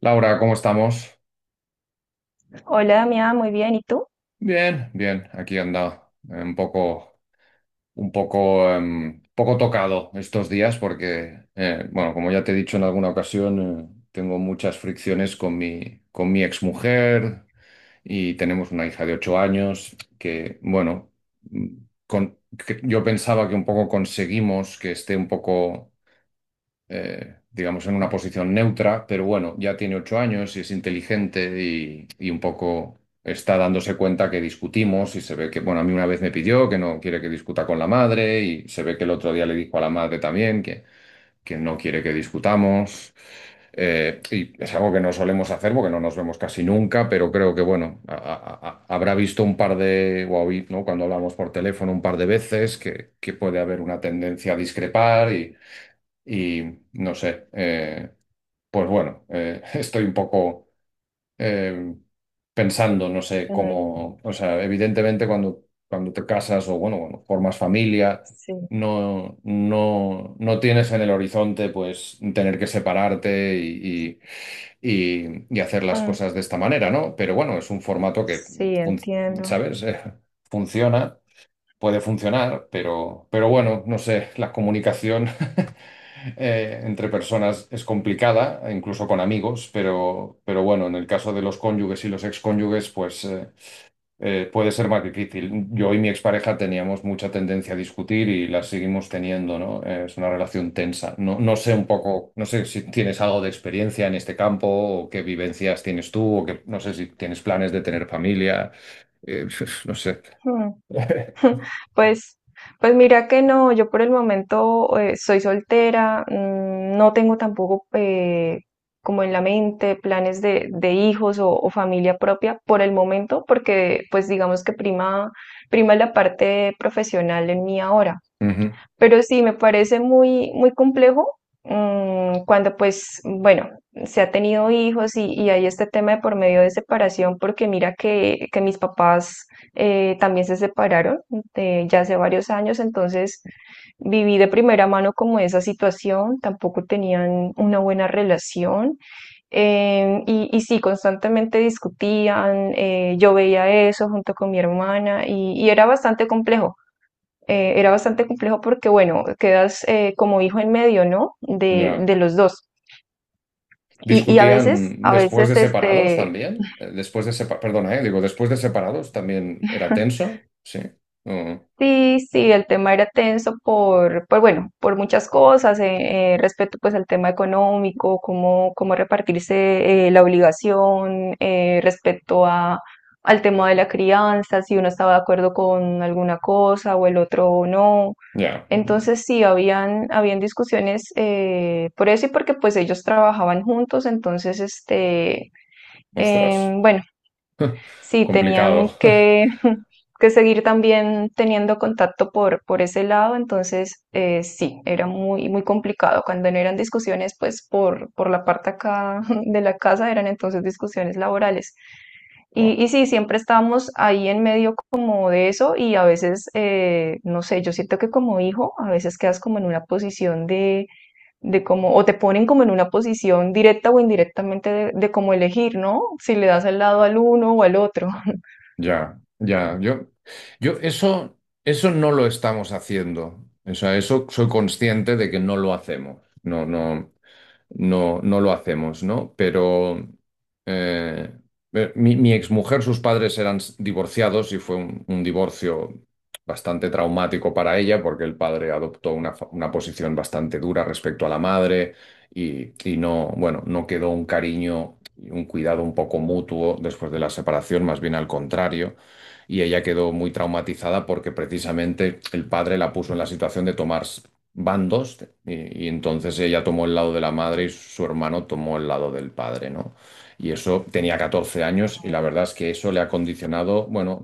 Laura, ¿cómo estamos? Hola, Damián, muy bien. ¿Y tú? Bien, bien, aquí anda. Un poco tocado estos días porque, bueno, como ya te he dicho en alguna ocasión, tengo muchas fricciones con con mi exmujer y tenemos una hija de 8 años que, bueno, mm, con- que yo pensaba que un poco conseguimos que esté un poco digamos, en una posición neutra, pero bueno, ya tiene 8 años y es inteligente y un poco está dándose cuenta que discutimos y se ve que, bueno, a mí una vez me pidió que no quiere que discuta con la madre y se ve que el otro día le dijo a la madre también que, no quiere que discutamos. Y es algo que no solemos hacer porque no nos vemos casi nunca, pero creo que, bueno, habrá visto un par de, ¿no? Cuando hablamos por teléfono un par de veces que, puede haber una tendencia a discrepar y no sé, pues bueno, estoy un poco eh, pensando, no sé Mm, cómo, o sea, evidentemente cuando, te casas o bueno, cuando formas familia, sí, no, no, no tienes en el horizonte pues tener que separarte y hacer las mm, cosas de esta manera, ¿no? Pero bueno, es un formato que, sí, fun- entiendo. ¿sabes? funciona, puede funcionar, pero bueno, no sé, la comunicación. Entre personas es complicada, incluso con amigos, pero bueno, en el caso de los cónyuges y los excónyuges, pues puede ser más difícil. Yo y mi expareja teníamos mucha tendencia a discutir y la seguimos teniendo, ¿no? Es una relación tensa. No, no sé un poco, no sé si tienes algo de experiencia en este campo o qué vivencias tienes tú o que no sé si tienes planes de tener familia, eh, no sé. Hmm. Pues, pues mira que no, yo por el momento soy soltera, mm, no tengo tampoco como en la mente planes de hijos o familia propia por el momento, porque pues digamos que prima, prima la parte profesional en mí ahora. Ujú. Pero sí, me parece muy, muy complejo mm, cuando pues, bueno, se ha tenido hijos y hay este tema de por medio de separación, porque mira que mis papás también se separaron ya hace varios años, entonces viví de primera mano como esa situación, tampoco tenían una buena relación. Em, y sí, constantemente discutían, yo veía eso junto con mi hermana y era bastante complejo porque, bueno, quedas como hijo en medio, ¿no? Ya. De los dos. Y Discutían a después veces, de separados también. Perdona, digo, después de separados también era tenso. Sí. Mm. sí, sí, el tema era tenso por bueno, por muchas cosas, respecto pues al tema económico, cómo, cómo repartirse la obligación, respecto a, al tema de la crianza, si uno estaba de acuerdo con alguna cosa o el otro no. Ya. Entonces sí, habían discusiones por eso y porque pues ellos trabajaban juntos, Ostras. Bueno, sí, tenían Complicado. que, que seguir también teniendo contacto por ese lado, sí, era muy, muy complicado. Cuando no eran discusiones, pues por la parte acá de la casa eran entonces discusiones laborales. Buah. Y sí, siempre estábamos ahí en medio como de eso y a veces, no sé, yo siento que como hijo, a veces quedas como en una posición de cómo, o te ponen como en una posición directa o indirectamente de cómo elegir, ¿no? Si le das al lado al uno o al otro. Ya, ya. Yo eso no lo estamos haciendo. O sea, eso soy consciente de que no lo hacemos. No, no. No, no lo hacemos, ¿no? Pero eh, mi exmujer, sus padres eran divorciados y fue un divorcio bastante traumático para ella porque el padre adoptó una posición bastante dura respecto a la madre y no, bueno, no quedó un cariño y un cuidado un poco mutuo después de la separación, más bien al contrario. Y ella quedó muy traumatizada porque precisamente el padre la puso en la situación de tomar van dos, y entonces ella tomó el lado de la madre y su hermano tomó el lado del padre, ¿no? Y eso tenía 14 años y la Ujú. verdad es que eso le ha condicionado, bueno,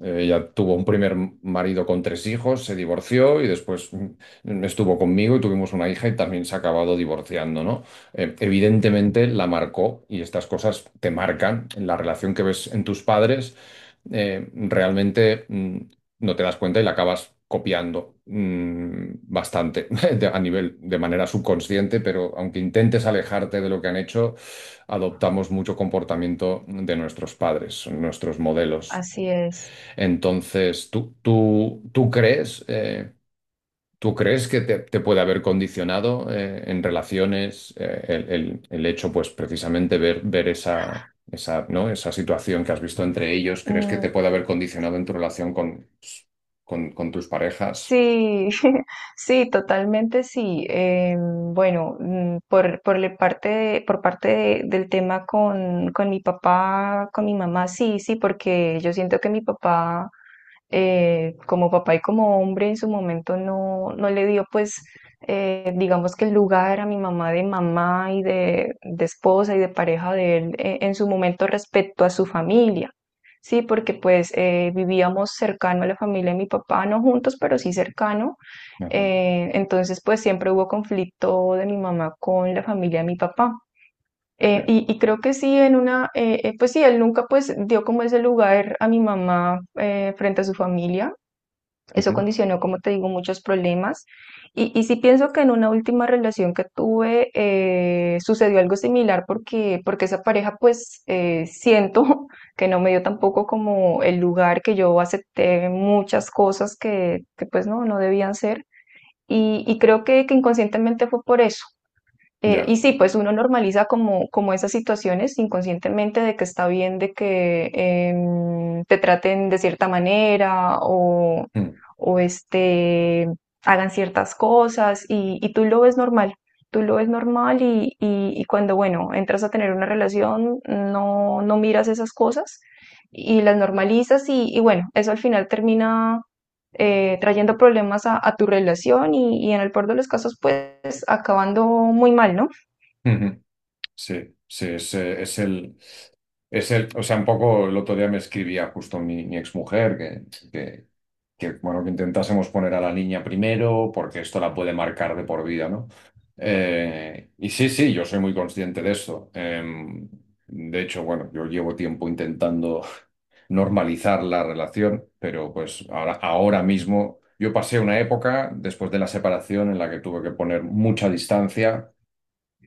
ella tuvo un primer marido con tres hijos, se divorció y después estuvo conmigo y tuvimos una hija y también se ha acabado divorciando, ¿no? Evidentemente la marcó y estas cosas te marcan en la relación que ves en tus padres realmente no te das cuenta y la acabas copiando bastante a nivel de manera subconsciente, pero aunque intentes alejarte de lo que han hecho, adoptamos mucho comportamiento de nuestros padres, nuestros modelos. Así es. Entonces, ¿tú crees? ¿Tú crees que te puede haber condicionado en relaciones el hecho, pues precisamente ver esa, esa, ¿no? esa situación que has visto entre ellos? ¿Crees que Mm, te puede haber condicionado en tu relación con, con tus parejas? sí, sí, totalmente sí. Bueno, mm, por la parte de- por parte de- del tema con mi papá, con mi mamá, sí, sí, porque yo siento que mi papá como papá y como hombre en su momento no, no le dio pues digamos que el lugar a mi mamá de mamá y de esposa y de pareja de él en su momento respecto a su familia. Sí, porque pues vivíamos cercano a la familia de mi papá, no juntos, pero sí cercano. Ajá, Entonces pues siempre hubo conflicto de mi mamá con la familia de mi papá. Ok. Y, y creo que sí, pues sí, él nunca pues dio como ese lugar a mi mamá frente a su familia, eso Ujú. condicionó, como te digo, muchos problemas. Y sí pienso que en una última relación que tuve sucedió algo similar porque, porque esa pareja, pues siento que no me dio tampoco como el lugar que yo acepté muchas cosas que, pues no, no debían ser. Y creo que inconscientemente fue por eso, y Ya. sí, pues uno normaliza como, como esas situaciones inconscientemente de que está bien, de que te traten de cierta manera o, Mm. o este, hagan ciertas cosas y tú lo ves normal, tú lo ves normal y cuando, bueno, entras a tener una relación, no, no miras esas cosas y las normalizas y bueno, eso al final termina trayendo problemas a tu relación y en el peor de los casos, pues acabando muy mal, ¿no? Sí, sí, es, es el, o sea, un poco el otro día me escribía justo mi exmujer que, que, bueno, que intentásemos poner a la niña primero porque esto la puede marcar de por vida, ¿no? Y sí, sí, yo soy muy consciente de eso. De hecho, bueno, yo llevo tiempo intentando normalizar la relación, pero pues ahora mismo yo pasé una época después de la separación en la que tuve que poner mucha distancia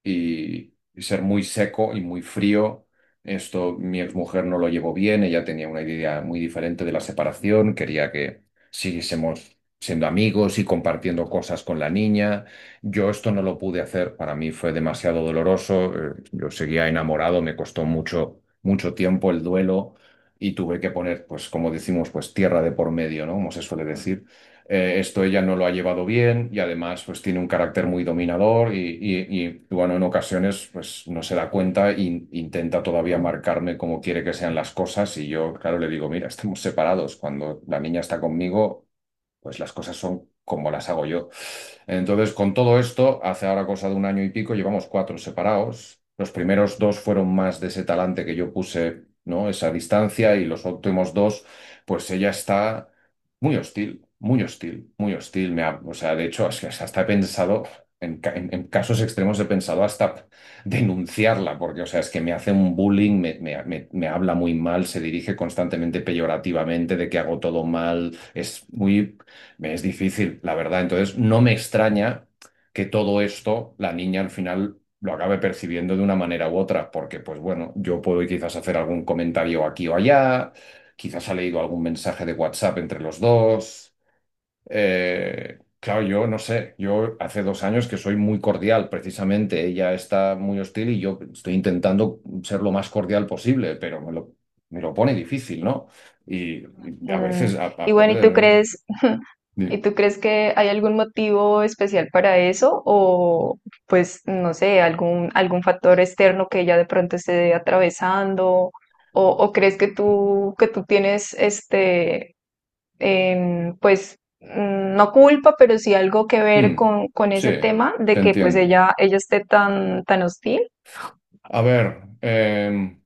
y ser muy seco y muy frío. Esto mi exmujer no lo llevó bien, ella tenía una idea muy diferente de la separación, quería que siguiésemos siendo amigos y compartiendo cosas con la niña. Yo esto no lo pude hacer, para mí fue demasiado doloroso, yo seguía enamorado, me costó mucho, mucho tiempo el duelo y tuve que poner, pues como decimos, pues tierra de por medio, ¿no? Como se suele decir esto ella no lo ha llevado bien y además pues tiene un carácter muy dominador y, bueno, en ocasiones pues no se da cuenta e intenta todavía marcarme cómo quiere que sean las cosas y yo, claro, le digo, mira, estamos separados, cuando la niña está conmigo, pues las cosas son como las hago yo. Entonces, con todo esto, hace ahora cosa de un año y pico, llevamos cuatro separados. Los primeros dos fueron más de ese talante que yo puse, ¿no? Esa distancia y los últimos dos, pues ella está muy hostil, muy hostil, muy hostil. O sea, de hecho, es que hasta he pensado, en casos extremos he pensado hasta denunciarla, porque, o sea, es que me hace un bullying, me habla muy mal, se dirige constantemente peyorativamente de que hago todo mal, es muy... Me es difícil, la verdad. Entonces, no me extraña que todo esto la niña al final lo acabe percibiendo de una manera u otra, porque pues bueno, yo puedo quizás hacer algún comentario aquí o allá, quizás ha leído algún mensaje de WhatsApp entre los dos. Claro, yo no sé, yo hace 2 años que soy muy cordial, precisamente, ella está muy hostil y yo estoy intentando ser lo más cordial posible, pero me lo pone difícil, ¿no? Y, y a veces, Mm, y bueno, ¿y tú ¿no? crees, y tú crees que hay algún motivo especial para eso? O pues, no sé, algún, algún factor externo que ella de pronto esté atravesando, o crees que tú tienes pues, mm, no culpa, pero sí algo que ver Mm, con sí, ese tema te de que pues entiendo. ella esté tan, tan hostil. A ver, em,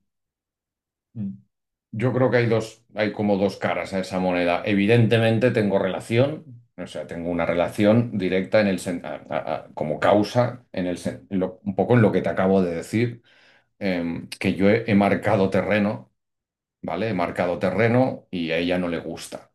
yo creo que hay dos, hay como dos caras a esa moneda. Evidentemente tengo relación, o sea, tengo una relación directa en el como causa en el un poco en lo que te acabo de decir, que yo he marcado terreno, ¿vale? He marcado terreno y a ella no le gusta.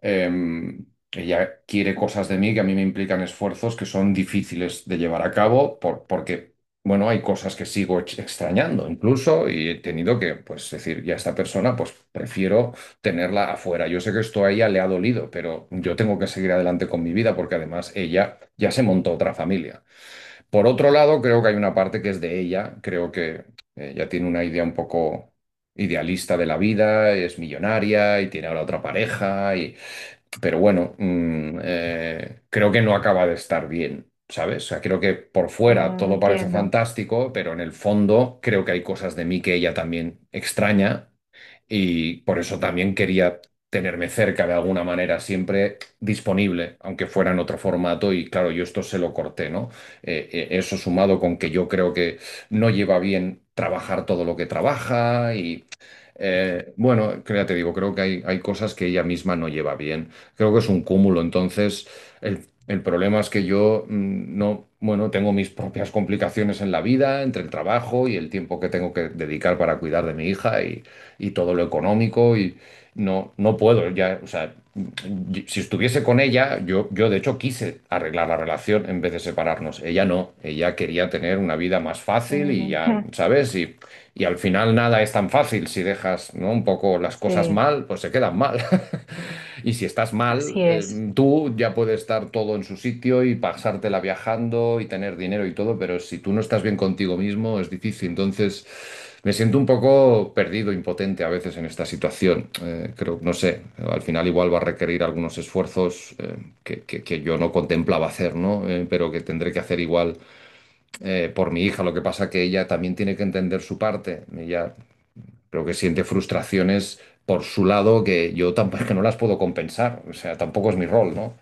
Em, Ella quiere cosas de mí que a mí me implican esfuerzos que son difíciles de llevar a cabo porque, bueno, hay cosas que sigo extrañando incluso y he tenido que, pues, decir, ya esta persona, pues, prefiero tenerla afuera. Yo sé que esto a ella le ha dolido, pero yo tengo que seguir adelante con mi vida porque además ella ya se montó otra familia. Por otro lado, creo que hay una parte que es de ella, creo que ella tiene una idea un poco idealista de la vida, es millonaria y tiene ahora otra pareja y, pero bueno, creo que no acaba de estar bien, ¿sabes? O sea, creo que por fuera Mm, todo parece entiendo. fantástico, pero en el fondo creo que hay cosas de mí que ella también extraña y por eso también quería tenerme cerca de alguna manera, siempre disponible, aunque fuera en otro formato y claro, yo esto se lo corté, ¿no? Eso sumado con que yo creo que no lleva bien trabajar todo lo que trabaja y bueno, que ya te digo, creo que hay cosas que ella misma no lleva bien. Creo que es un cúmulo. Entonces, el problema es que yo no, bueno, tengo mis propias complicaciones en la vida, entre el trabajo y el tiempo que tengo que dedicar para cuidar de mi hija y todo lo económico y no, no puedo ya, o sea si estuviese con ella, yo de hecho quise arreglar la relación en vez de separarnos. Ella no, ella quería tener una vida más fácil y Mm, ya, ¿sabes? Y al final nada es tan fácil. Si dejas, ¿no? un poco las cosas sí, mal, pues se quedan mal. Y si estás mal, así es. tú ya puedes estar todo en su sitio y pasártela viajando y tener dinero y todo, pero si tú no estás bien contigo mismo, es difícil. Entonces... Me siento un poco perdido, impotente a veces en esta situación. Creo, no sé, al final igual va a requerir algunos esfuerzos que yo no contemplaba hacer, ¿no? Pero que tendré que hacer igual por mi hija. Lo que pasa que ella también tiene que entender su parte. Ella creo que siente frustraciones por su lado que yo tampoco que no las puedo compensar. O sea, tampoco es mi rol, ¿no?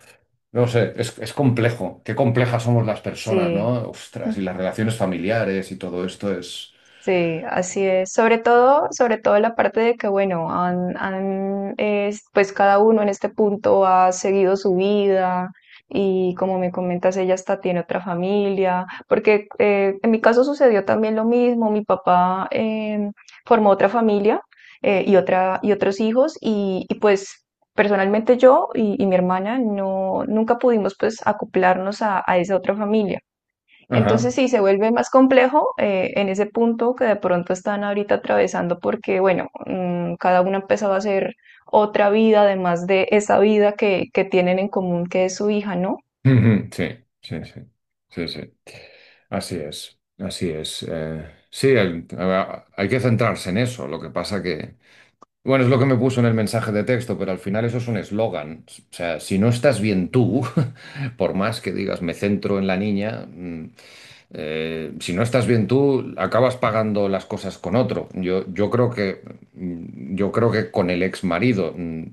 No sé, es complejo. Qué complejas somos las personas, Sí. ¿no? Ostras, y las relaciones familiares y todo esto es... Sí, así es. Sobre todo la parte de que, bueno, pues cada uno en este punto ha seguido su vida y como me comentas, ella hasta tiene otra familia, porque en mi caso sucedió también lo mismo. Mi papá formó otra familia y otra y otros hijos y, pues personalmente yo y mi hermana no nunca pudimos pues acoplarnos a esa otra familia. Ajá. Entonces sí, se vuelve más complejo en ese punto que de pronto están ahorita atravesando porque, bueno, mm, cada uno ha empezado a hacer otra vida, además de esa vida que tienen en común, que es su hija, ¿no? Ujú. Sí, sí, sí, sí, sí. Así es, así es. Sí, hay que centrarse en eso. Lo que pasa que, bueno, es lo que me puso en el mensaje de texto, pero al final eso es un eslogan. O sea, si no estás bien tú, por más que digas me centro en la niña, si no estás bien tú, acabas pagando las cosas con otro. Yo creo que, yo creo que con el ex marido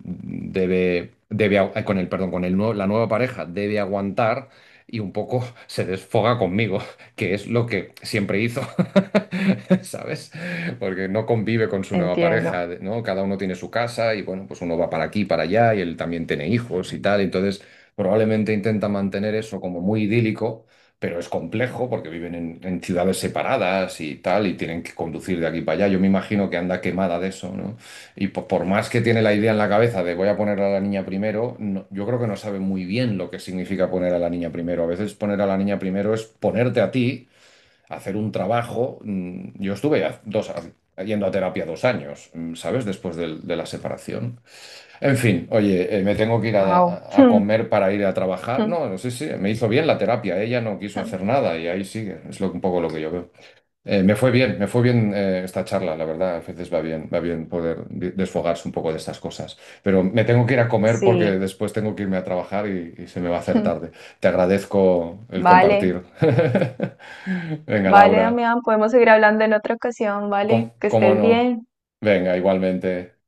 debe, debe, agu- con el, perdón, la nueva pareja debe aguantar y un poco se desfoga conmigo, que es lo que siempre hizo, ¿sabes? Porque no convive con su nueva Entiendo. pareja, ¿no? Cada uno tiene su casa y bueno, pues uno va para aquí, para allá y él también tiene hijos y tal, entonces probablemente intenta mantener eso como muy idílico, pero es complejo porque viven en ciudades separadas y tal y tienen que conducir de aquí para allá. Yo me imagino que anda quemada de eso, ¿no? Y por, más que tiene la idea en la cabeza de voy a poner a la niña primero, yo creo que no sabe muy bien lo que significa poner a la niña primero. A veces poner a la niña primero es ponerte a ti hacer un trabajo. Yo estuve yendo a terapia 2 años, ¿sabes? Después de la separación. En fin, oye, me tengo que ir Wow. A comer para ir a trabajar. No, sí, sí, me hizo bien la terapia. Ella no quiso hacer nada y ahí sigue. Es lo, un poco lo que yo veo. Me fue bien, me fue bien esta charla, la verdad. A veces va bien poder desfogarse un poco de estas cosas. Pero me tengo que ir a comer porque Sí. después tengo que irme a trabajar y se me va a hacer tarde. Te agradezco el Vale, compartir. Venga, vale, Laura, Damián, podemos seguir hablando en otra ocasión, vale, que cómo estés no. bien. Venga, igualmente.